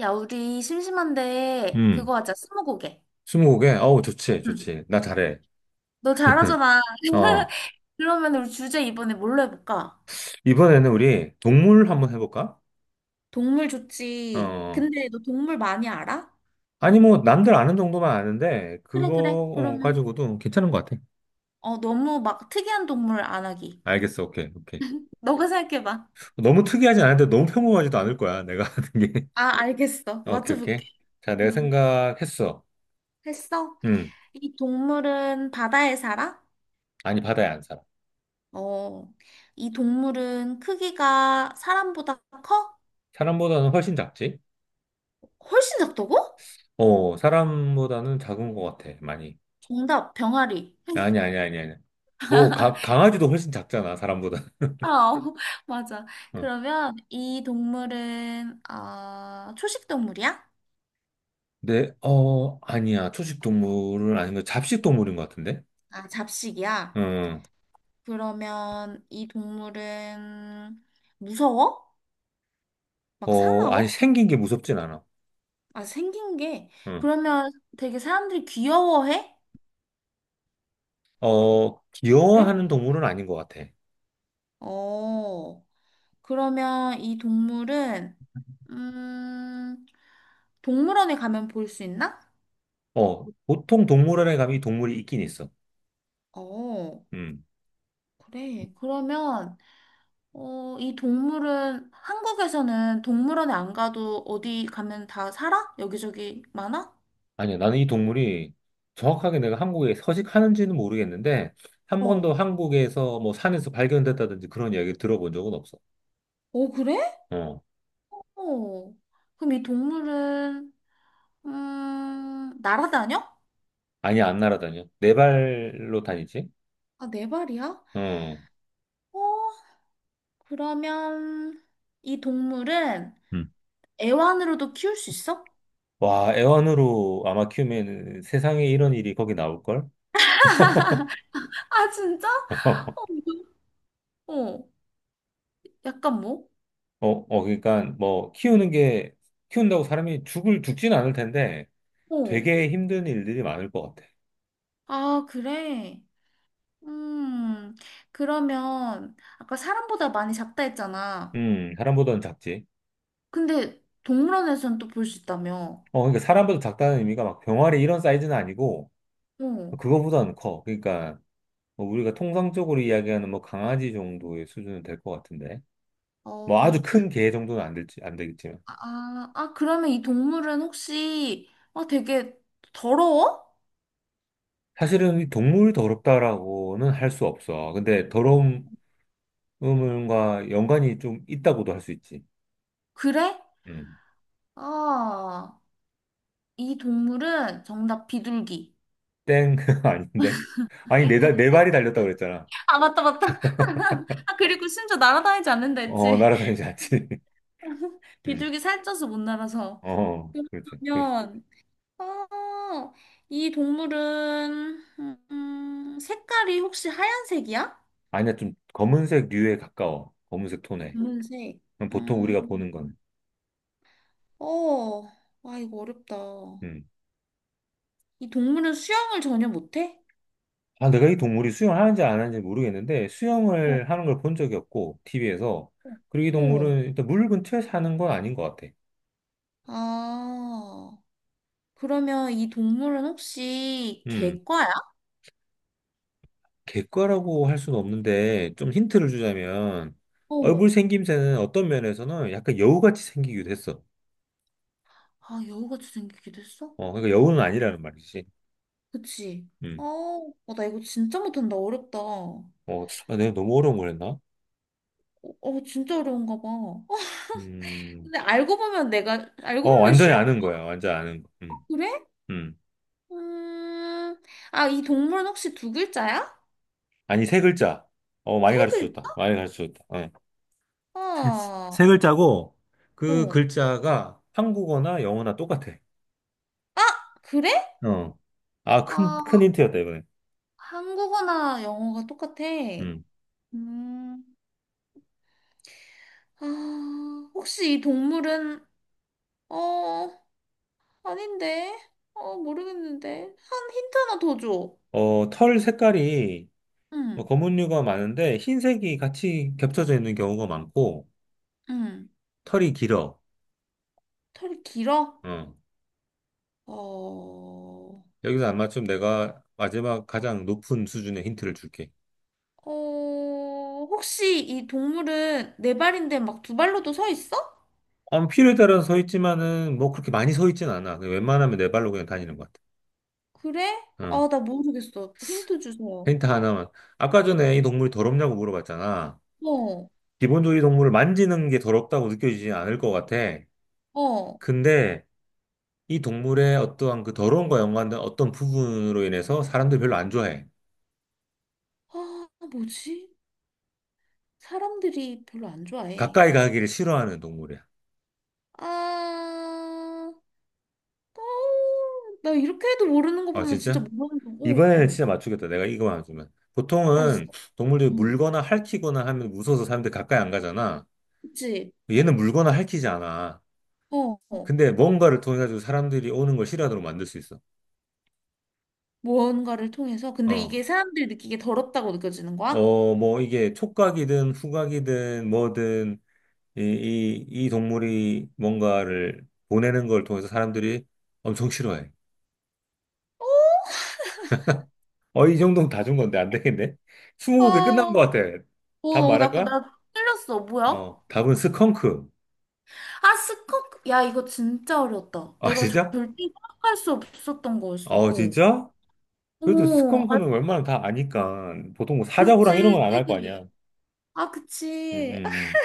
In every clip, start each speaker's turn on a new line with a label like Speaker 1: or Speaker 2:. Speaker 1: 야, 우리 심심한데
Speaker 2: 음,
Speaker 1: 그거 하자. 스무고개.
Speaker 2: 스무고개? 어우, 좋지,
Speaker 1: 응.
Speaker 2: 좋지. 나 잘해.
Speaker 1: 너 잘하잖아.
Speaker 2: 어,
Speaker 1: 그러면 우리 주제 이번에 뭘로 해볼까?
Speaker 2: 이번에는 우리 동물 한번 해볼까?
Speaker 1: 동물 좋지.
Speaker 2: 어,
Speaker 1: 근데 너 동물 많이 알아?
Speaker 2: 아니, 뭐, 남들 아는 정도만 아는데,
Speaker 1: 그래,
Speaker 2: 그거
Speaker 1: 그래. 그러면
Speaker 2: 가지고도 괜찮은 것 같아.
Speaker 1: 너무 막 특이한 동물 안 하기.
Speaker 2: 알겠어, 오케이, 오케이.
Speaker 1: 너가 생각해봐.
Speaker 2: 너무 특이하지 않은데 너무 평범하지도 않을 거야, 내가 하는 게.
Speaker 1: 아, 알겠어.
Speaker 2: 어, 오케이, 오케이.
Speaker 1: 맞춰볼게.
Speaker 2: 자, 내가
Speaker 1: 응.
Speaker 2: 생각했어.
Speaker 1: 했어?
Speaker 2: 음,
Speaker 1: 이 동물은 바다에 살아?
Speaker 2: 아니, 바다에 안 살아.
Speaker 1: 어. 이 동물은 크기가 사람보다 커?
Speaker 2: 사람보다는 훨씬 작지?
Speaker 1: 훨씬 작다고?
Speaker 2: 어, 사람보다는 작은 것 같아, 많이.
Speaker 1: 정답, 병아리.
Speaker 2: 아니, 아니, 아니, 아니. 뭐, 강아지도 훨씬 작잖아, 사람보다.
Speaker 1: 아, 어, 맞아. 그러면 이 동물은 초식 동물이야?
Speaker 2: 네, 어, 아니야. 초식 동물은 아니면 잡식 동물인 것 같은데?
Speaker 1: 아, 잡식이야?
Speaker 2: 응,
Speaker 1: 그러면 이 동물은 무서워? 막
Speaker 2: 어, 아니,
Speaker 1: 사나워?
Speaker 2: 생긴 게 무섭진 않아.
Speaker 1: 아, 생긴 게.
Speaker 2: 응,
Speaker 1: 그러면 되게 사람들이 귀여워해?
Speaker 2: 어,
Speaker 1: 그래?
Speaker 2: 귀여워하는 동물은 아닌 것 같아.
Speaker 1: 어, 그러면 이 동물은 음, 동물원에 가면 볼 수 있나?
Speaker 2: 어, 보통 동물원에 가면 이 동물이 있긴 있어.
Speaker 1: 어,
Speaker 2: 음,
Speaker 1: 그래. 그러면 이 동물은 한국에서는 동물원에 안 가도 어디 가면 다 살아? 여기저기 많아?
Speaker 2: 아니야. 나는 이 동물이 정확하게 내가 한국에 서식하는지는 모르겠는데, 한
Speaker 1: 어.
Speaker 2: 번도 한국에서 뭐 산에서 발견됐다든지 그런 이야기 들어본 적은 없어.
Speaker 1: 어, 그래?
Speaker 2: 어,
Speaker 1: 어. 그럼 이 동물은 날아다녀?
Speaker 2: 아니 안 날아다녀. 네 발로 다니지?
Speaker 1: 아, 네 발이야?
Speaker 2: 어.
Speaker 1: 어, 그러면 이 동물은
Speaker 2: 음.
Speaker 1: 애완으로도 키울 수 있어?
Speaker 2: 와, 애완으로 아마 키우면 세상에 이런 일이 거기 나올걸?
Speaker 1: 아, 진짜?
Speaker 2: 어,
Speaker 1: 어, 이거- 어, 약간 뭐?
Speaker 2: 어, 그러니까 뭐 키우는 게 키운다고 사람이 죽을 죽진 않을 텐데
Speaker 1: 어.
Speaker 2: 되게 힘든 일들이 많을 것 같아.
Speaker 1: 아, 그래. 음, 그러면 아까 사람보다 많이 작다 했잖아.
Speaker 2: 사람보다는 작지.
Speaker 1: 근데 동물원에서는 또 볼 수 있다며.
Speaker 2: 어, 그러니까 사람보다 작다는 의미가 막 병아리 이런 사이즈는 아니고
Speaker 1: 어.
Speaker 2: 그거보다는 커. 그러니까 뭐 우리가 통상적으로 이야기하는 뭐 강아지 정도의 수준은 될 것 같은데 뭐 아주
Speaker 1: 어,
Speaker 2: 큰 개 정도는 안 될지 안 되겠지만
Speaker 1: 아, 아, 그러면 이 동물은 혹시, 되게 더러워?
Speaker 2: 사실은 이 동물이 더럽다라고는 할 수 없어. 근데 더러움 음과 연관이 좀 있다고도 할 수 있지.
Speaker 1: 그래?
Speaker 2: 음.
Speaker 1: 아, 이 동물은 정답 비둘기.
Speaker 2: 땡 아닌데? 아니 내 발이 달렸다 그랬잖아.
Speaker 1: 아, 맞다, 맞다. 아, 그리고 심지어 날아다니지 않는다
Speaker 2: 어
Speaker 1: 했지.
Speaker 2: 날아다니지 않지. 음.
Speaker 1: 비둘기 살쪄서 못 날아서.
Speaker 2: 어 그렇지. 그렇지.
Speaker 1: 그러면, 어, 이 동물은, 색깔이 혹시 하얀색이야?
Speaker 2: 아니야 좀 검은색 류에 가까워. 검은색 톤에.
Speaker 1: 검은색.
Speaker 2: 그럼 보통
Speaker 1: 음,
Speaker 2: 우리가 보는 거는.
Speaker 1: 어, 아, 이거 어렵다.
Speaker 2: 음.
Speaker 1: 이 동물은 수영을 전혀 못해?
Speaker 2: 아 내가 이 동물이 수영하는지 안 하는지 모르겠는데
Speaker 1: 어,
Speaker 2: 수영을 하는 걸 본 적이 없고 TV에서. 그리고 이
Speaker 1: 어.
Speaker 2: 동물은 일단 물 근처에 사는 건 아닌 것 같아.
Speaker 1: 아, 그러면 이 동물은 혹시 객과야?
Speaker 2: 객과라고 할 수는 없는데 좀 힌트를 주자면 얼굴
Speaker 1: 어.
Speaker 2: 생김새는 어떤 면에서는 약간 여우같이 생기기도 했어.
Speaker 1: 아, 여우같이 생기기도 했어?
Speaker 2: 어, 그러니까 여우는 아니라는 말이지.
Speaker 1: 그치? 어,
Speaker 2: 음.
Speaker 1: 나 이거 진짜 못한다. 어렵다.
Speaker 2: 어, 아, 내가 너무 어려운 걸 했나?
Speaker 1: 진짜 어려운가 봐.
Speaker 2: 음.
Speaker 1: 근데 알고 보면 내가, 알고
Speaker 2: 어,
Speaker 1: 보면
Speaker 2: 완전히
Speaker 1: 쉬운,
Speaker 2: 아는 거야. 완전 아는 거. 음.
Speaker 1: 그래?
Speaker 2: 음.
Speaker 1: 음, 아, 이 동물은 혹시 두 글자야?
Speaker 2: 아니, 세 글자. 어,
Speaker 1: 세
Speaker 2: 많이
Speaker 1: 글자?
Speaker 2: 가르쳐줬다. 많이 가르쳐줬다. 어. 세,
Speaker 1: 아,
Speaker 2: 세 글자고 그
Speaker 1: 어.
Speaker 2: 글자가 한국어나 영어나 똑같아.
Speaker 1: 아, 그래?
Speaker 2: 어. 아, 큰
Speaker 1: 아,
Speaker 2: 힌트였다, 이번에.
Speaker 1: 한국어나 영어가 똑같아.
Speaker 2: 음.
Speaker 1: 음, 아, 혹시 이 동물은, 어, 아닌데? 모르겠는데. 한 힌트 하나 더 줘.
Speaker 2: 어, 털 색깔이 뭐
Speaker 1: 응,
Speaker 2: 검은류가 많은데 흰색이 같이 겹쳐져 있는 경우가 많고
Speaker 1: 응.
Speaker 2: 털이 길어.
Speaker 1: 털이 길어?
Speaker 2: 어.
Speaker 1: 어,
Speaker 2: 여기서 아마 좀 내가 마지막 가장 높은 수준의 힌트를 줄게.
Speaker 1: 혹시 이 동물은 네 발인데 막 두 발로도 서 있어?
Speaker 2: 어, 필요에 따라 서 있지만은 뭐 그렇게 많이 서 있진 않아. 그냥 웬만하면 네 발로 그냥 다니는 것
Speaker 1: 그래?
Speaker 2: 같아. 어.
Speaker 1: 아, 나 모르겠어. 힌트 주세요.
Speaker 2: 힌트 하나만. 아까 전에 이 동물이 더럽냐고 물어봤잖아.
Speaker 1: 어,
Speaker 2: 기본적으로 이 동물을 만지는 게 더럽다고 느껴지지 않을 것 같아.
Speaker 1: 어.
Speaker 2: 근데 이 동물의 어떠한 그 더러움과 연관된 어떤 부분으로 인해서 사람들이 별로 안 좋아해.
Speaker 1: 아, 뭐지? 사람들이 별로 안 좋아해.
Speaker 2: 가까이 가기를 싫어하는 동물이야.
Speaker 1: 아, 어, 나 이렇게 해도 모르는 거
Speaker 2: 아,
Speaker 1: 보면 진짜
Speaker 2: 진짜?
Speaker 1: 모르는 거고.
Speaker 2: 이번에는 진짜 맞추겠다. 내가 이거만 맞추면.
Speaker 1: 알았어.
Speaker 2: 보통은 동물들이
Speaker 1: 응.
Speaker 2: 물거나 핥히거나 하면 무서워서 사람들이 가까이 안 가잖아.
Speaker 1: 그치?
Speaker 2: 얘는 물거나 핥히지 않아.
Speaker 1: 어, 어.
Speaker 2: 근데 뭔가를 통해 가지고 사람들이 오는 걸 싫어하도록 만들 수 있어.
Speaker 1: 뭔가를 통해서. 근데
Speaker 2: 어.
Speaker 1: 이게 사람들이 느끼기에 더럽다고 느껴지는 거야?
Speaker 2: 어, 뭐 이게 촉각이든 후각이든 뭐든 이 동물이 뭔가를 보내는 걸 통해서 사람들이 엄청 싫어해.
Speaker 1: 어,
Speaker 2: 어, 이 정도면 다 준 건데 안 되겠네? 스무고개 끝난
Speaker 1: 아,
Speaker 2: 것 같아.
Speaker 1: 어,
Speaker 2: 답
Speaker 1: 어, 나,
Speaker 2: 말할까?
Speaker 1: 나 틀렸어. 뭐야?
Speaker 2: 어, 답은 스컹크.
Speaker 1: 아, 스커. 야, 이거 진짜 어려웠다.
Speaker 2: 아,
Speaker 1: 내가
Speaker 2: 진짜?
Speaker 1: 절대 생각할 수 없었던 거였어.
Speaker 2: 어,
Speaker 1: 어.
Speaker 2: 진짜? 그래도
Speaker 1: 오, 아,
Speaker 2: 스컹크는 웬만하면 다 아니까. 보통 뭐 사자고랑 이런
Speaker 1: 그렇지.
Speaker 2: 건 안 할 거 아니야.
Speaker 1: 아, 그치.
Speaker 2: 음.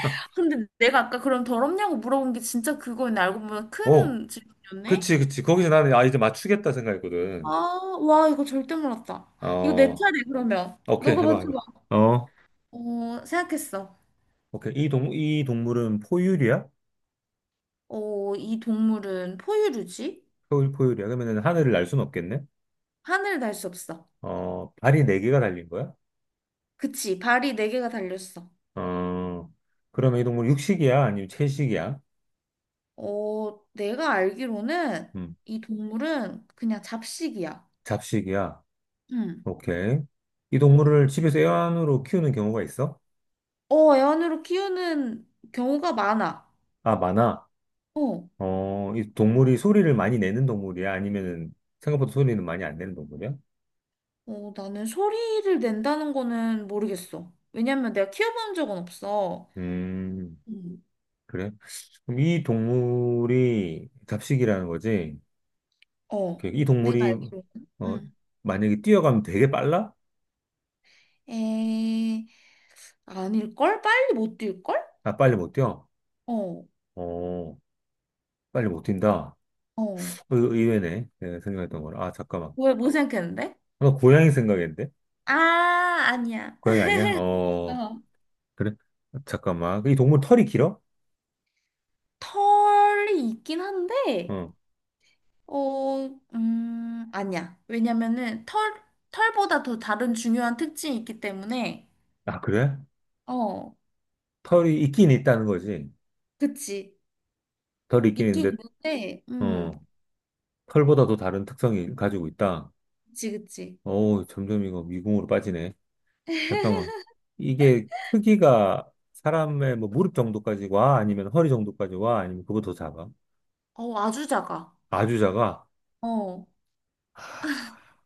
Speaker 1: 아, 근데 내가 아까 그럼 더럽냐고 물어본 게 진짜 그거였네. 알고 보면
Speaker 2: 음. 어,
Speaker 1: 큰 질문이었네.
Speaker 2: 그치, 그치. 거기서 나는, 아, 이제 맞추겠다
Speaker 1: 아,
Speaker 2: 생각했거든.
Speaker 1: 와, 이거 절대 몰랐다. 이거 내
Speaker 2: 어,
Speaker 1: 차례, 그러면.
Speaker 2: 오케이,
Speaker 1: 너가
Speaker 2: 해봐,
Speaker 1: 맞춰봐.
Speaker 2: 해봐. 어,
Speaker 1: 생각했어.
Speaker 2: 오케이. 이 동물은 포유류야?
Speaker 1: 이 동물은 포유류지?
Speaker 2: 포유류야? 그러면은 하늘을 날 수는 없겠네?
Speaker 1: 하늘을 날 수 없어.
Speaker 2: 어, 발이 네개가 달린 거야?
Speaker 1: 그치, 발이 네 개가 달렸어.
Speaker 2: 어, 그러면 이 동물 육식이야? 아니면 채식이야?
Speaker 1: 내가 알기로는
Speaker 2: 음,
Speaker 1: 이 동물은 그냥 잡식이야.
Speaker 2: 잡식이야?
Speaker 1: 응.
Speaker 2: 오케이. 이 동물을 집에서 애완으로 키우는 경우가 있어?
Speaker 1: 애완으로 키우는 경우가 많아.
Speaker 2: 아, 많아.
Speaker 1: 어,
Speaker 2: 어, 이 동물이 소리를 많이 내는 동물이야? 아니면은 생각보다 소리는 많이 안 내는 동물이야?
Speaker 1: 나는 소리를 낸다는 거는 모르겠어. 왜냐면 내가 키워본 적은 없어.
Speaker 2: 음,
Speaker 1: 응.
Speaker 2: 그래? 그럼 이 동물이 잡식이라는 거지?
Speaker 1: 어,
Speaker 2: 그, 이
Speaker 1: 내가
Speaker 2: 동물이,
Speaker 1: 알기로는.
Speaker 2: 어,
Speaker 1: 응.
Speaker 2: 만약에 뛰어가면 되게 빨라?
Speaker 1: 에, 아닐걸? 빨리 못 뛸걸?
Speaker 2: 아, 빨리 못 뛰어?
Speaker 1: 어,
Speaker 2: 어, 빨리 못 뛴다?
Speaker 1: 어.
Speaker 2: 어, 이거 의외네. 내가 생각했던 거랑. 아, 잠깐만.
Speaker 1: 왜, 뭐 생각했는데?
Speaker 2: 나 고양이 생각했는데?
Speaker 1: 아, 아니야.
Speaker 2: 고양이 아니야? 어,
Speaker 1: 어.
Speaker 2: 그래? 잠깐만. 그 이 동물 털이 길어?
Speaker 1: 털이 있긴 한데,
Speaker 2: 어.
Speaker 1: 어, 아니야. 왜냐면은 털보다 더 다른 중요한 특징이 있기 때문에,
Speaker 2: 아, 그래?
Speaker 1: 어,
Speaker 2: 털이 있긴 있다는 거지.
Speaker 1: 그치.
Speaker 2: 털이 있긴
Speaker 1: 있긴
Speaker 2: 있는데,
Speaker 1: 있는데,
Speaker 2: 어. 털보다도 다른 특성이 가지고 있다.
Speaker 1: 그치, 그치.
Speaker 2: 어우, 점점 이거 미궁으로 빠지네. 잠깐만. 이게 크기가 사람의 뭐 무릎 정도까지 와? 아니면 허리 정도까지 와? 아니면 그거 더 작아?
Speaker 1: 어, 아주 작아.
Speaker 2: 아주 작아?
Speaker 1: 어.
Speaker 2: 하,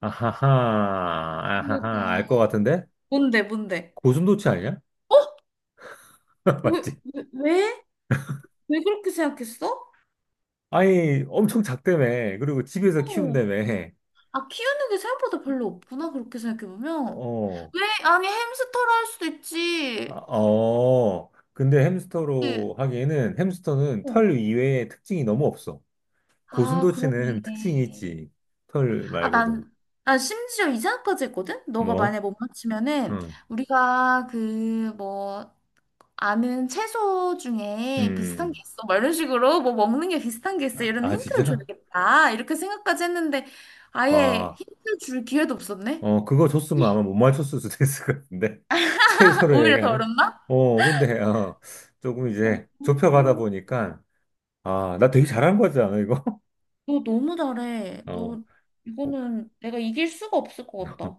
Speaker 2: 아하하,
Speaker 1: 그러니까
Speaker 2: 아하하, 알 것 같은데?
Speaker 1: 뭔데, 뭔데?
Speaker 2: 고슴도치 아니야?
Speaker 1: 어? 왜,
Speaker 2: 맞지?
Speaker 1: 왜, 왜? 왜 그렇게 생각했어?
Speaker 2: 아니, 엄청 작다며. 그리고 집에서
Speaker 1: 어.
Speaker 2: 키운다며.
Speaker 1: 아, 키우는 게 생각보다 별로 없구나, 그렇게 생각해보면.
Speaker 2: 어,
Speaker 1: 왜? 아니, 햄스터로 할 수도
Speaker 2: 아,
Speaker 1: 있지.
Speaker 2: 어. 근데
Speaker 1: 그치?
Speaker 2: 햄스터로 하기에는 햄스터는
Speaker 1: 어.
Speaker 2: 털 이외에 특징이 너무 없어.
Speaker 1: 아, 그러네.
Speaker 2: 고슴도치는 특징이 있지. 털
Speaker 1: 아,
Speaker 2: 말고도.
Speaker 1: 난 심지어 이 생각까지 했거든? 너가
Speaker 2: 뭐?
Speaker 1: 만약 못 맞추면은,
Speaker 2: 응.
Speaker 1: 우리가 그, 뭐, 아는 채소 중에 비슷한 게
Speaker 2: 음.
Speaker 1: 있어. 막 이런 식으로, 뭐, 먹는 게 비슷한 게 있어.
Speaker 2: 아,
Speaker 1: 이런
Speaker 2: 아,
Speaker 1: 힌트를
Speaker 2: 진짜?
Speaker 1: 줘야겠다. 이렇게 생각까지 했는데, 아예
Speaker 2: 와.
Speaker 1: 힌트 줄 기회도 없었네?
Speaker 2: 어, 그거 줬으면 아마 못 맞췄을 수도 있을 것 같은데. 채소로
Speaker 1: 오히려 더
Speaker 2: 얘기하면.
Speaker 1: 어렵나?
Speaker 2: 어, 근데, 어, 조금 이제 좁혀가다
Speaker 1: 어.
Speaker 2: 보니까, 아, 나 되게 잘한 거지 않아, 이거?
Speaker 1: 너 너무 잘해.
Speaker 2: 어.
Speaker 1: 너
Speaker 2: 어,
Speaker 1: 이거는 내가 이길 수가 없을 것 같다.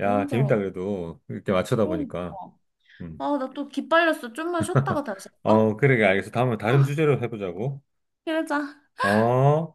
Speaker 2: 야,
Speaker 1: 너무
Speaker 2: 재밌다,
Speaker 1: 잘한다.
Speaker 2: 그래도. 이렇게 맞추다
Speaker 1: 그러니까.
Speaker 2: 보니까. 음.
Speaker 1: 아, 나 또 기빨렸어. 좀만 쉬었다가 다시. 어?
Speaker 2: 어, 그러게, 알겠어. 다음에 다른 주제로 해보자고.
Speaker 1: 그러자.
Speaker 2: 어.